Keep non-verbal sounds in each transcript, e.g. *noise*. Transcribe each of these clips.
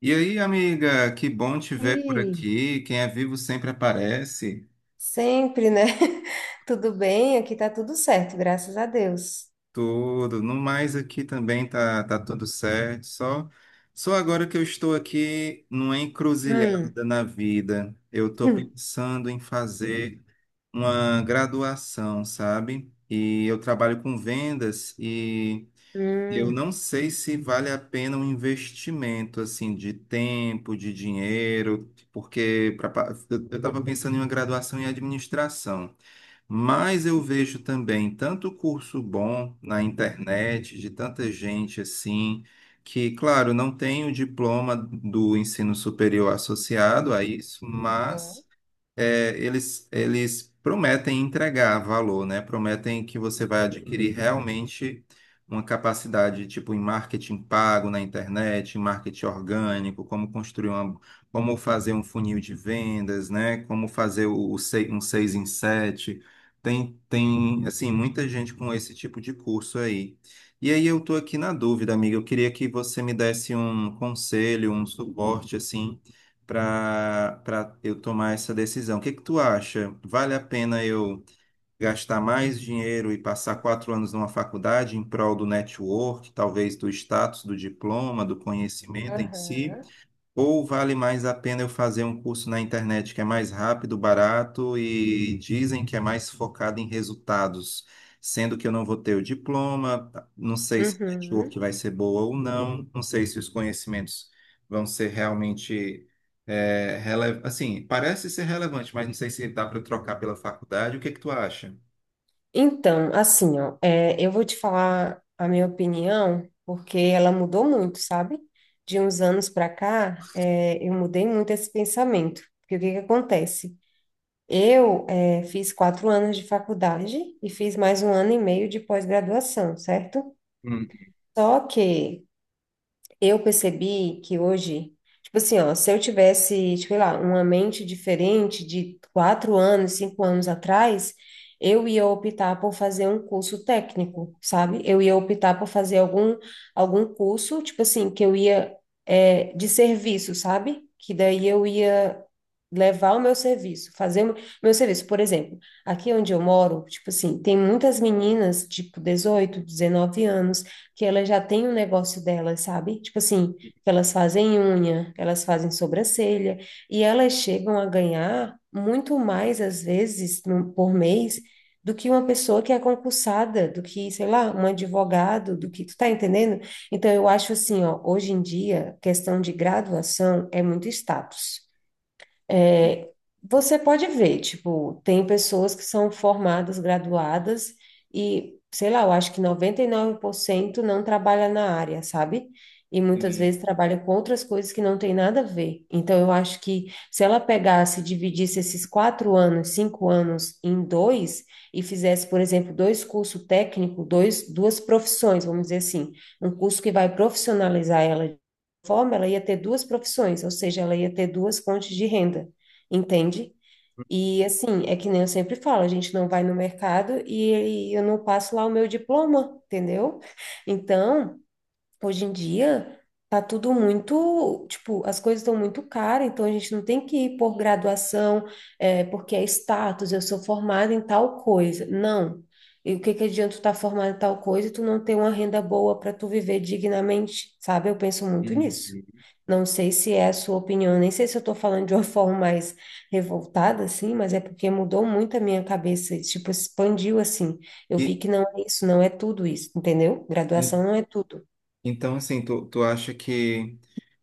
E aí, amiga, que bom te ver por E aqui. Quem é vivo sempre aparece. sempre, né? *laughs* Tudo bem, aqui tá tudo certo, graças a Deus. Tudo. No mais aqui também tá tudo certo. Só agora que eu estou aqui numa Hum. encruzilhada na vida. Eu estou *laughs* pensando em fazer uma graduação, sabe? E eu trabalho com vendas. Hum. Eu Hum. não sei se vale a pena um investimento assim de tempo, de dinheiro, porque eu estava pensando em uma graduação em administração, mas eu vejo também tanto curso bom na internet, de tanta gente assim, que, claro, não tem o diploma do ensino superior associado a isso, Aham. mas eles prometem entregar valor, né? Prometem que você vai adquirir realmente uma capacidade, tipo, em marketing pago na internet, em marketing Hum. orgânico, como construir uma, como fazer um funil de vendas, né? Como fazer um 6 em 7. Tem, assim, muita gente com esse tipo de curso aí. E aí eu tô aqui na dúvida, amiga. Eu queria que você me desse um conselho, um suporte, assim, para eu tomar essa decisão. O que que tu acha? Vale a pena eu gastar mais dinheiro e passar 4 anos numa faculdade em prol do network, talvez do status, do diploma, do conhecimento em si? Aham. Ou vale mais a pena eu fazer um curso na internet que é mais rápido, barato e dizem que é mais focado em resultados, sendo que eu não vou ter o diploma, não sei se a network Uhum. vai ser boa ou não, não sei se os conhecimentos vão ser realmente assim, parece ser relevante, mas não sei se dá para eu trocar pela faculdade. O que é que tu acha? Então, assim, ó, eu vou te falar a minha opinião, porque ela mudou muito, sabe? De uns anos para cá, eu mudei muito esse pensamento. Porque o que que acontece? Eu fiz 4 anos de faculdade e fiz mais um ano e meio de pós-graduação, certo? Hum, Só que eu percebi que hoje, tipo assim, ó, se eu tivesse, sei lá, uma mente diferente de 4 anos, 5 anos atrás, eu ia optar por fazer um curso técnico, sabe? Eu ia optar por fazer algum curso, tipo assim, que eu ia, de serviço, sabe? Que daí eu ia levar o meu serviço, fazer o meu serviço. Por exemplo, aqui onde eu moro, tipo assim, tem muitas meninas, tipo 18, 19 anos, que elas já têm um negócio delas, sabe? Tipo assim, que elas fazem unha, elas fazem sobrancelha, e elas chegam a ganhar muito mais, às vezes, por mês, do que uma pessoa que é concursada, do que, sei lá, um advogado, do que, tu tá entendendo? Então, eu acho assim, ó, hoje em dia, questão de graduação é muito status. É, Você pode ver, tipo, tem pessoas que são formadas, graduadas, e, sei lá, eu acho que 99% não trabalha na área, sabe? E muitas sim. vezes trabalha com outras coisas que não tem nada a ver. Então, eu acho que se ela pegasse e dividisse esses 4 anos, 5 anos em dois, e fizesse, por exemplo, dois cursos técnicos, duas profissões, vamos dizer assim, um curso que vai profissionalizar ela forma, ela ia ter duas profissões, ou seja, ela ia ter duas fontes de renda, entende? E assim, é que nem eu sempre falo, a gente não vai no mercado e eu não passo lá o meu diploma, entendeu? Então, hoje em dia tá tudo muito, tipo, as coisas estão muito caras, então a gente não tem que ir por graduação, porque é status, eu sou formada em tal coisa. Não. E o que que adianta tu estar formada em tal coisa e tu não ter uma renda boa para tu viver dignamente, sabe? Eu penso muito Hum. nisso. Não sei se é a sua opinião, nem sei se eu estou falando de uma *laughs* forma mais revoltada, assim, mas é porque mudou muito a minha cabeça, tipo, expandiu assim. Eu vi E, que não é isso, não é tudo isso, entendeu? e- Graduação não é tudo. então, assim, tu acha que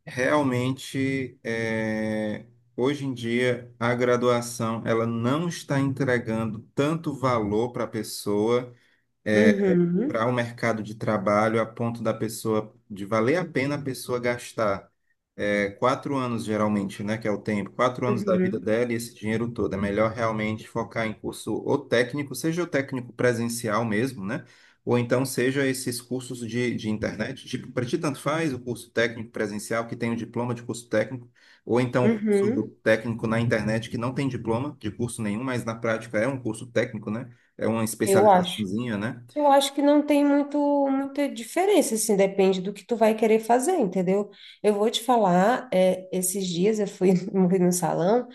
realmente, hoje em dia, a graduação ela não está entregando tanto valor para a pessoa Uhum, para o mercado de trabalho a ponto da pessoa de valer a pena a pessoa gastar 4 anos geralmente, né, que é o tempo, 4 anos da vida uhum, dela e esse dinheiro todo. É melhor realmente focar em curso ou técnico, seja o técnico presencial mesmo, né? Ou então seja esses cursos de internet, tipo, para ti tanto faz o curso técnico presencial que tem o diploma de curso técnico, ou então o curso uhum. técnico na internet que não tem diploma de curso nenhum, mas na prática é um curso técnico, né? É uma Eu acho. especializaçãozinha, né? Eu acho que não tem muita diferença, assim, depende do que tu vai querer fazer, entendeu? Eu vou te falar, esses dias eu fui, *laughs* fui no salão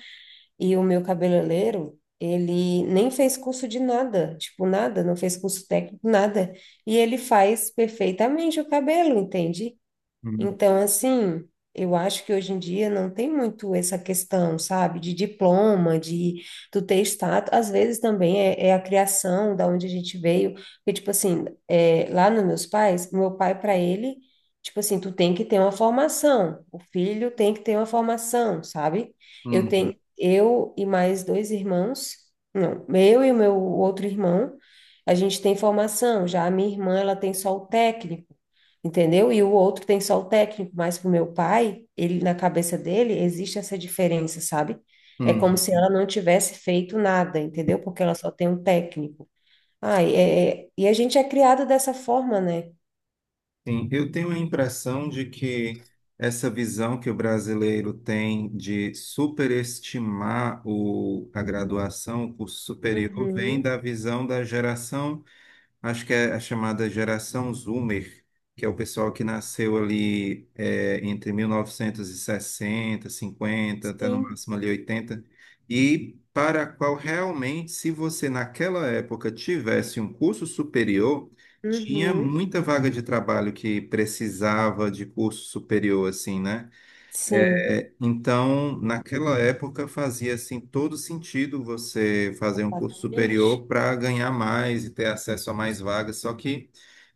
e o meu cabeleireiro, ele nem fez curso de nada, tipo, nada, não fez curso técnico, nada. E ele faz perfeitamente o cabelo, entende? Uhum, Então, assim, eu acho que hoje em dia não tem muito essa questão, sabe, de diploma, de tu ter status. Às vezes também é a criação da onde a gente veio. Porque, tipo assim, lá nos meus pais, meu pai, para ele, tipo assim, tu tem que ter uma formação. O filho tem que ter uma formação, sabe? Eu tenho, uhum, eu e mais dois irmãos, não, eu e o meu outro irmão, a gente tem formação. Já a minha irmã, ela tem só o técnico. Entendeu? E o outro que tem só o técnico, mas pro meu pai, ele na cabeça dele existe essa diferença, sabe? É como se uhum. ela não tivesse feito nada, entendeu? Porque ela só tem um técnico. Ah, e a gente é criado dessa forma, né? Sim, eu tenho a impressão de que essa visão que o brasileiro tem de superestimar a graduação, o curso superior, vem da Uhum, visão da geração. Acho que é a chamada geração Zoomer, que é o pessoal que nasceu ali entre 1960, cinquenta até no sim, máximo ali 80, e para a qual realmente, se você naquela época tivesse um curso superior, tinha uhum, muita vaga de trabalho que precisava de curso superior, assim, né? sim, Então, naquela época fazia assim todo sentido você fazer um curso completamente. superior para ganhar mais e ter acesso a mais vagas, só que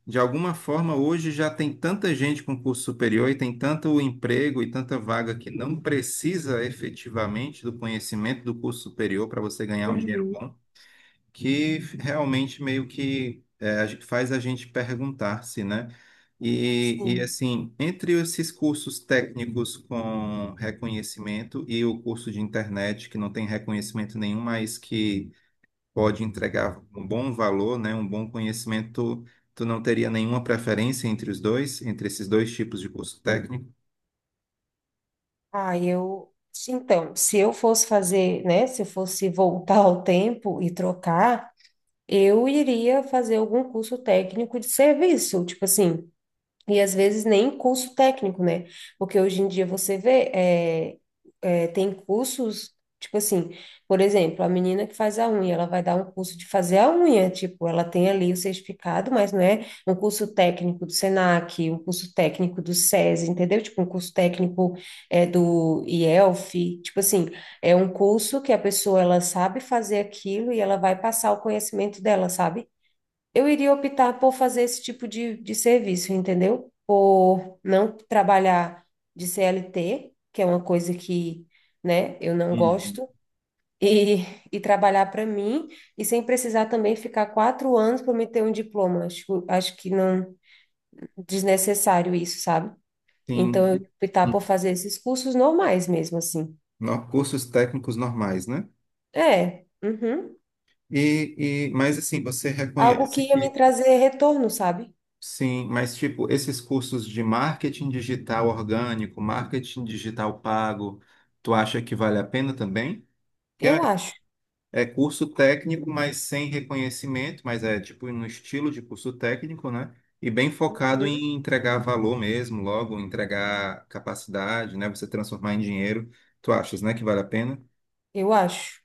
de alguma forma, hoje já tem tanta gente com curso superior e tem tanto emprego e tanta vaga que não precisa efetivamente do conhecimento do curso superior para você ganhar um dinheiro Uhum, bom, que realmente meio que faz a gente perguntar-se, né? E sim. assim, entre esses cursos técnicos com reconhecimento e o curso de internet que não tem reconhecimento nenhum, mas que pode entregar um bom valor, né, um bom conhecimento, tu não teria nenhuma preferência entre os dois, entre esses dois tipos de curso técnico? Ah, eu. Então, se eu fosse fazer, né? Se eu fosse voltar ao tempo e trocar. Eu iria fazer algum curso técnico de serviço, tipo assim, e às vezes nem curso técnico, né? Porque hoje em dia você vê, tem cursos, tipo assim, por exemplo, a menina que faz a unha, ela vai dar um curso de fazer a unha, tipo, ela tem ali o certificado, mas não é um curso técnico do Senac, um curso técnico do SESI, entendeu? Tipo, um curso técnico do IELF, tipo assim, é um curso que a pessoa, ela sabe fazer aquilo e ela vai passar o conhecimento dela, sabe? Eu iria optar por fazer esse tipo de serviço, entendeu? Por não trabalhar de CLT, que é uma coisa que, né, eu não Uhum. gosto, e, e trabalhar para mim, e sem precisar também ficar 4 anos para me ter um diploma. Acho que não desnecessário isso, sabe? Então, Sim, eu ia optar por fazer esses cursos normais mesmo, assim. Cursos técnicos normais, né? É, uhum. Mas assim, você Algo que reconhece ia me que trazer retorno, sabe? sim, mas tipo, esses cursos de marketing digital orgânico, marketing digital pago, tu acha que vale a pena também? Que é Eu acho. É curso técnico, mas sem reconhecimento, mas é tipo no estilo de curso técnico, né? E bem focado Uhum. em entregar valor mesmo, logo, entregar capacidade, né? Você transformar em dinheiro. Tu achas, né, que vale a pena? Eu acho.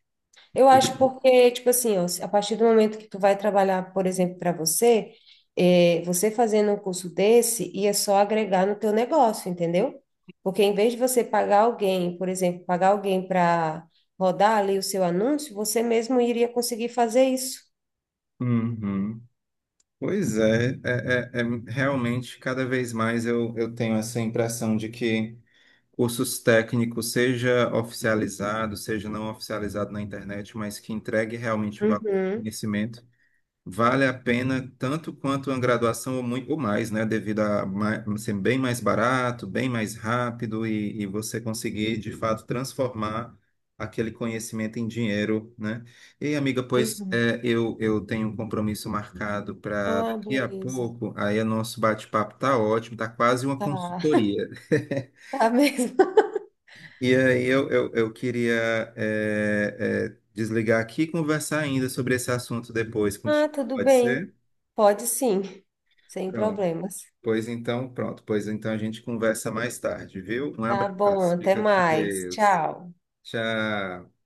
Eu acho porque, tipo assim, ó, a partir do momento que tu vai trabalhar, por exemplo, para você, você fazendo um curso desse, ia só agregar no teu negócio, entendeu? Porque em vez de você pagar alguém, por exemplo, pagar alguém para rodar ali o seu anúncio, você mesmo iria conseguir fazer isso. Uhum. Pois é, realmente cada vez mais eu tenho essa impressão de que cursos técnicos, seja oficializado, seja não oficializado na internet, mas que entregue realmente valor, Uhum, conhecimento. Vale a pena tanto quanto uma graduação ou, ou mais, né? Devido a ser bem mais barato, bem mais rápido e você conseguir, de fato, transformar aquele conhecimento em dinheiro, né? E, amiga, pois uhum. é, eu tenho um compromisso marcado para Ah, daqui a beleza. pouco, aí o nosso bate-papo tá ótimo, tá quase uma Tá, consultoria. *laughs* *laughs* tá mesmo. E aí eu queria desligar aqui e conversar ainda sobre esse assunto depois Ah, contigo, tudo pode bem. ser? Pode sim, sem Pronto. problemas. Pois então, pronto. Pois então a gente conversa mais tarde, viu? Um Tá bom, abraço. até Fica com mais. Deus. Tchau. Tchau.